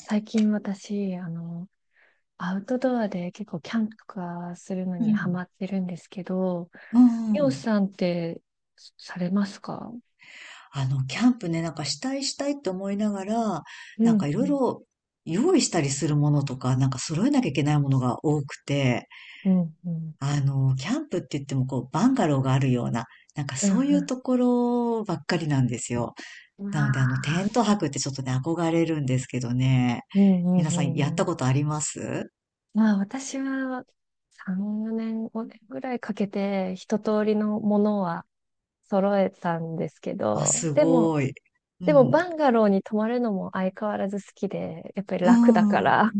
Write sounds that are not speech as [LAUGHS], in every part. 最近私、アウトドアで結構キャンプとかするのうにハマん。ってるんですけど、うんミうオん。さんってされますか？キャンプね、なんかしたいしたいって思いながら、うなん、んかいうろいん、ろ用意したりするものとか、なんか揃えなきゃいけないものが多くて、うん、うん、キャンプって言ってもこう、バンガローがあるような、なんかうそういうん、ところばっかりなんですよ。うん。なので、テああ、ント泊ってちょっとね、憧れるんですけどね。うん、うん、う皆さんやん、っうたん。ことあります？まあ私は3、4年、5年ぐらいかけて一通りのものは揃えたんですけあ、ど、すでも、ごい。うでもん。バンガローに泊まるのも相変わらず好きで、やっぱりう楽だかん。ら、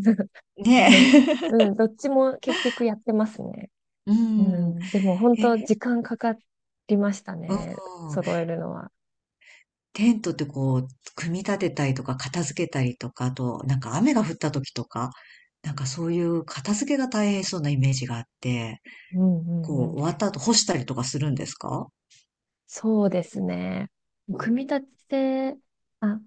ね。うん、う [LAUGHS] んどっちも結局やってますね。ううん。ん、でも本え、当時間かかりましたうん。ね。揃えるのは。テントってこう、組み立てたりとか、片付けたりとか、あと、なんか雨が降った時とか、なんかそういう片付けが大変そうなイメージがあって、うんうこんうん。う、終わった後干したりとかするんですか？そうですね。組み立てあ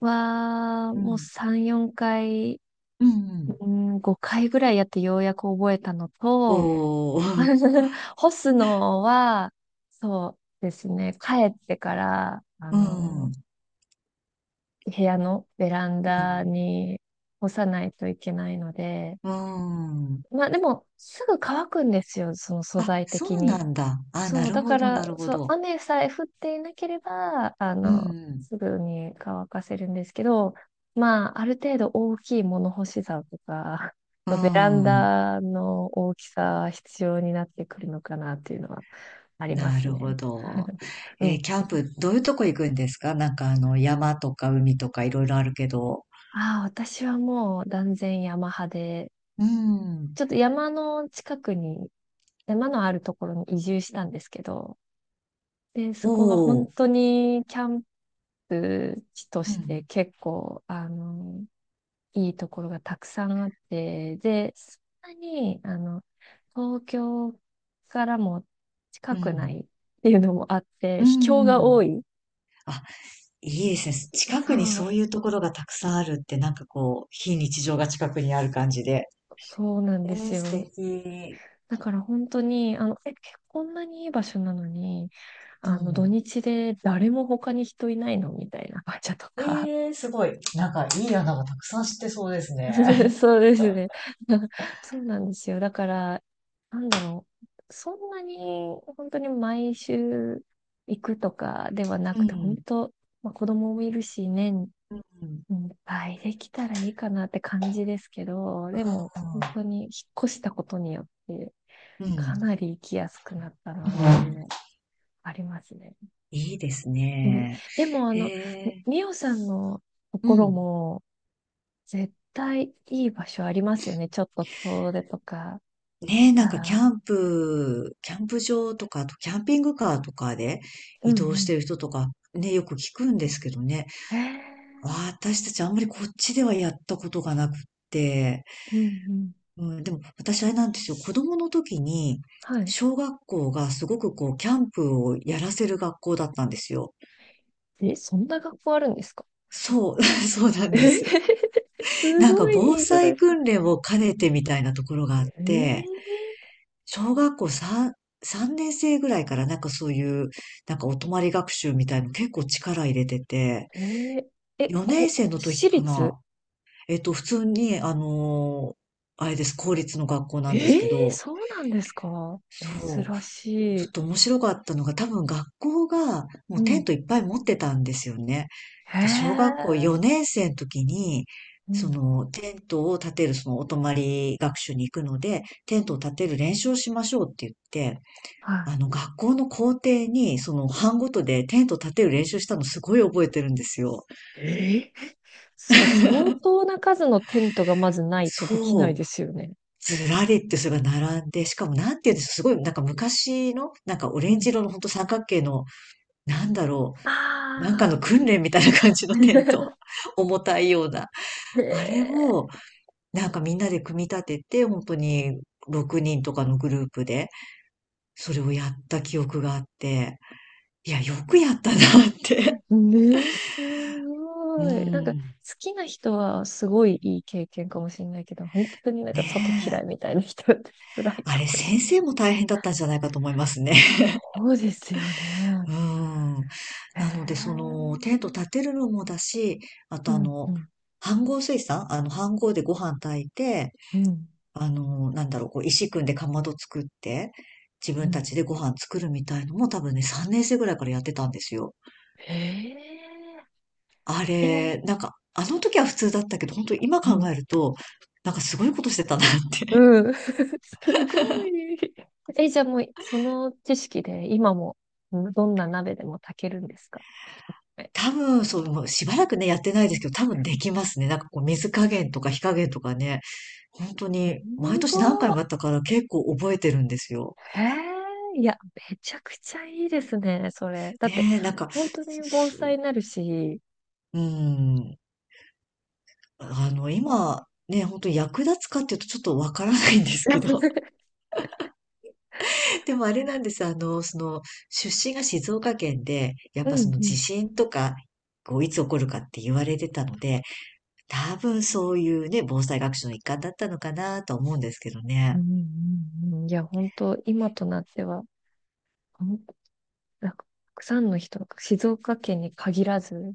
は、うもうん。3、4回、うんうん。うん、5回ぐらいやってようやく覚えたのと、おー、[LAUGHS] 干すのは、そうですね。帰ってから、[LAUGHS] うん、う部屋のベランん、ダに干さないといけないので、うーん。まあでも、すぐ乾くんですよ、その素あ、材そ的うに。なんだ。あ、なそう、るだほかど、なら、るほそう、ど。雨さえ降っていなければ、うん、すぐに乾かせるんですけど、まあ、ある程度大きい物干し竿とか、う [LAUGHS] ベランん。ダの大きさは必要になってくるのかなっていうのはありまなするほね。ど。[LAUGHS] うん。キ [LAUGHS] ャンプ、どういうとこ行くんですか？なんか山とか海とかいろいろあるけど。ああ、私はもう断然山派で、うん。ちょっと山の近くに、山のあるところに移住したんですけど、で、そおこが本お、当にキャンプ地とうしてん、結構、いいところがたくさんあって、で、そんなに、東京からもう近くん、ないっていうのもあって、う秘境がん。多い。あ、いいですね。近さくにあ、そういうところがたくさんあるって、なんかこう、非日常が近くにある感じで。そうなんでえすー、素よ。敵。だから本当に、こんなにいい場所なのに、う土ん。日で誰も他に人いないのみたいな場所とか。えーすごい。なんかいい穴がたくさん知ってそうです [LAUGHS] ね。そうですね。[LAUGHS] そうなんですよ。だから、なんだろう。そんなに、本当に毎週行くとかではな [LAUGHS] うくて、本ん、当、まあ、子供もいるし、年うん、いっぱいできたらいいかなって感じですけど、でも、本当に引っ越したことによって、うん。うかん、なり行きやすくなったなっていうのありますね。いいですうんね。でも、へえ、みおさんのとうころん。も、絶対いい場所ありますよね。ちょっと遠出とかねしえ、なんたから。キャンプ場とか、あとキャンピングカーとかでうん移う動しん。てる人とか、ね、よく聞くんですけどね。へえ。私たちあんまりこっちではやったことがなくって。うんうん。うん、でも私あれなんですよ。子供の時に、はい。小学校がすごくこう、キャンプをやらせる学校だったんですよ。え、そんな学校あるんですか？そう、[LAUGHS] そうなんえでへへす。へ [LAUGHS] すなんかご防いいいじゃない災ですか。訓練を兼ねてみたいなところがあっえて、ー、小学校3年生ぐらいからなんかそういう、なんかお泊まり学習みたいの結構力入れてて、えー、4年生の時私か立な。普通に、あれです、公立の学校なえんですー、けど、そうなんですか？そう、珍しちょい。っと面白かったのが、多分学校がもううテンん。トいっぱい持ってたんですよね。へで、小学校え。4年生の時に、うそん。のテントを建てる、そのお泊まり学習に行くので、テントを建てる練習をしましょうって言って、は学校の校庭に、その、班ごとでテント立てる練習したのすごい覚えてるんですよ。い。えーそれ相当な数のテントがまずないとできないそでう。すよね。ずらりってそれが並んで、しかもなんて言うんでしょう、すごいなんか昔の、なんかオうレンジん色のほんと三角形の、なんだろう、なんかあのあ。訓練みたいな感じのテント。[LAUGHS] [LAUGHS] 重たいような。へあれえ。を、なんかみんなで組み立てて、本当に6人とかのグループで、それをやった記憶があって、いや、よくやったなって。ね、すうごい。なんか、好ん。きな人はすごいいい経験かもしれないけど、本当になんねか外嫌いえ、みたいな人って辛いあかれ、もしれ先な生い。も大変だったんじゃないかと思いますね。そうですよ [LAUGHS] ね。うん。へなので、そえ。の、テント立てるのもだし、あうとん、うん、飯盒炊さん飯盒でご飯炊いて、うん、なんだろう、こう、石組んでかまど作って、自う分たん。ちでご飯作るみたいのも多分ね、3年生ぐらいからやってたんですよ。へえ。あえ、うん、れ、なんか、あの時は普通だったけど、本当に今考うえると、なんかすごいことしてたなって、ん。[LAUGHS] すごい。え、じゃあもう、その知識で今も、どんな鍋でも炊けるんですか？多分、そう、もうしばらくね、やってないですけど、多分できますね。なんかこう、水加減とか火加減とかね、本当すに、毎年何回ごもやったから結構覚えてるんですよ。いへえ、いや、めちゃくちゃいいですね、それ。だって、ねえ、なんか、本当に盆栽になるし。うん、う今、ん ね、本当に役立つかっていうとちょっとわからないんですけど。[LAUGHS] [LAUGHS] でもあれなんです。出身が静岡県で、やっうぱそんのう地ん。震とか、こう、いつ起こるかって言われてたので、多分そういうね、防災学習の一環だったのかなとは思うんですけどうね。んうんうんいや、本当、今となっては、ほんなんかたくさんの人静岡県に限らず、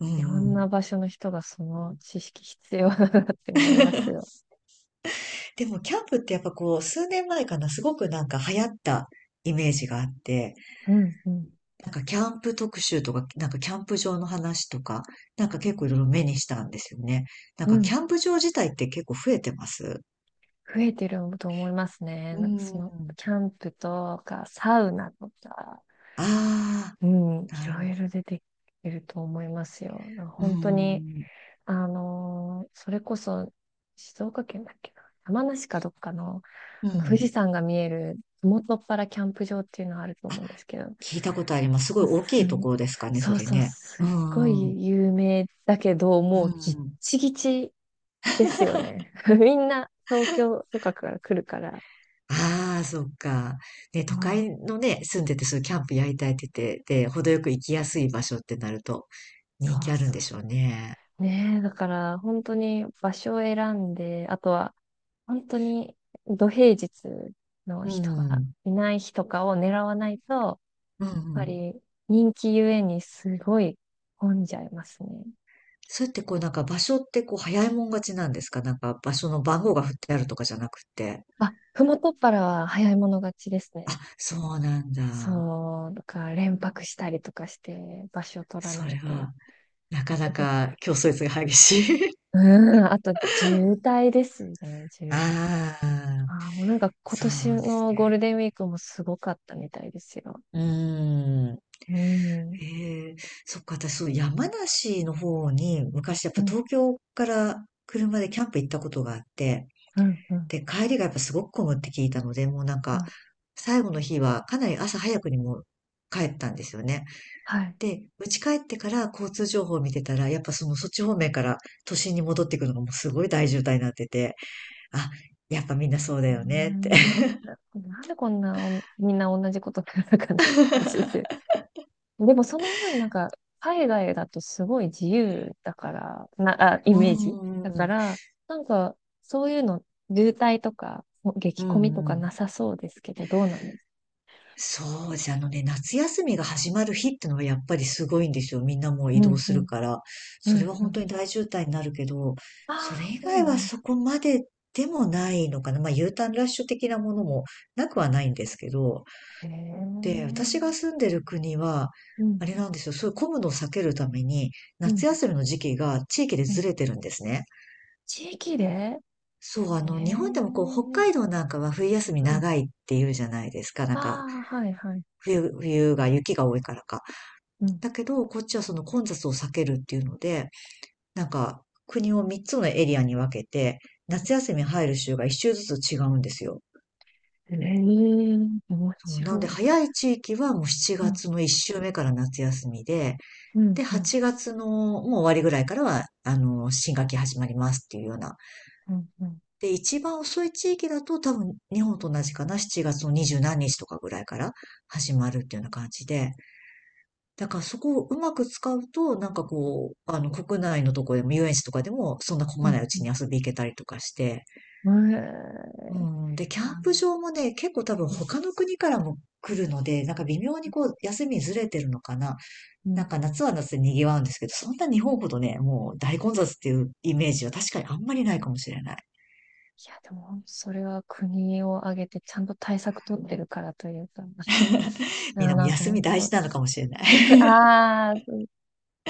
ういろんうんなん。場所の人がその知識必要だなって思いますよ。でも、キャンプってやっぱこう、数年前かな、すごくなんか流行ったイメージがあって、うんうん。なんかキャンプ特集とか、なんかキャンプ場の話とか、なんか結構いろいろ目にしたんですよね。なんうかキャん。ンプ場自体って結構増えてます？増えてると思いますね。うなんかその、ん。キャンプとか、サウナとか、あうん、あ、いなるろほど。いろ出てきると思いますよ。なんかう本当に、ん。それこそ静岡県だっけな、山梨かどっかの、うあの富ん。士山が見える麓っ腹キャンプ場っていうのがあるとあ、思うんですけど、聞いたことあります。すごいすす大きいところですかね、そそうれそう、ね。すうっごん。うい有名だけど、もうギッん。チギチですよね。[LAUGHS] みんな東京とかから来るから。ああ、そっか。ね、都あ会あのね、住んでて、そういうキャンプやりたいって言ってて、で、程よく行きやすい場所ってなると、そ人気うあるんそでうしょうね。ねえ、だから本当に場所を選んで、あとは本当に土平日のう人がん。いない日とかを狙わないと、やっうん、うぱん。り人気ゆえにすごい混んじゃいますね。そうやってこう、なんか場所ってこう、早いもん勝ちなんですか？なんか場所の番号が振ってあるとかじゃなくて。あ、ふもとっぱらは早い者勝ちですあ、ね。そうなんだ。そう、だから連泊したりとかして場所を取らそなれいと。は、なかな [LAUGHS] か競争率が激しい。うん、あと渋滞ですね、[LAUGHS] 渋滞。ああ、あー、もうなんか今そ年うですのゴーね。ルデンウィークもすごかったみたいですよ。うーん。うん。ええ、そっか、私、そう、山梨の方に、昔やっうぱん、東京から車でキャンプ行ったことがあって、うん、うん、で、帰りがやっぱすごく混むって聞いたので、もうなんうか、ん。最後の日はかなり朝早くにもう帰ったんですよね。はい。で、家帰ってから交通情報を見てたら、やっぱそのそっち方面から都心に戻っていくのがもうすごい大渋滞になってて、あ、やっぱみんなそうだうーよねって。んなんでこんなおみんな同じことするかなって感じですよ。でもその分、なんか、海外だとすごい自由だから、な、あ、[LAUGHS] イうん、メージだうかん、ら、なんか、そういうの、渋滞とか、う激混みとん、うかん。なさそうですけど、どうなんですか？そうです。あのね、夏休みが始まる日ってのはやっぱりすごいんですよ。みんなもうう移動ん、うするん、から。うそれはん、う本ん。当に大渋滞になるけど、それああ、以そう外なはんそだ。こまででもないのかな。まあ U ターンラッシュ的なものもなくはないんですけど。へえ。うで、私がん、住んでる国は、あれなんですよ。そういう混むのを避けるために、うん、夏休みの時期が地域でうずん。れてるんですね。地域でへそう、日本でもこう、北え。海道なんかは冬休みうん。長いっていうじゃないですか。なんか、ああ、はい、はい。冬が雪が多いからか。うん。だけど、こっちはその混雑を避けるっていうので、なんか、国を3つのエリアに分けて、夏休み入る週が1週ずつ違うんですよ。ええ面そう白なので、い。早い地域はもう7うん、月の1週目から夏休みで、うん、で、うん、8月のもう終わりぐらいからは、新学期始まりますっていうような。うん、うん、で、一番遅い地域だと多分日本と同じかな、7月の二十何日とかぐらいから始まるっていうような感じで、だからそこをうまく使うと、なんかこう、国内のとこでも遊園地とかでも、そんな混うまないうちにん。遊び行けたりとかして。うんえうえん。で、キャンあ、プ場もね、結構多分うん、他の国からも来るので、なんか微妙にこう、休みずれてるのかな。うなんん。か夏は夏で賑わうんですけど、そんな日本ほどね、もう大混雑っていうイメージは確かにあんまりないかもしれない。いや、でも、それは国を挙げてちゃんと対策取ってるからというか、みんなもなんか休み本大事当、なのかもしれない。[LAUGHS] ああ、そう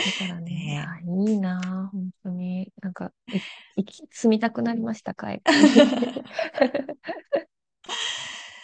だから [LAUGHS] ね、いや、ねえいいなあ、本当に。なんか、え、行き、住みたくなりました、海外に。[LAUGHS]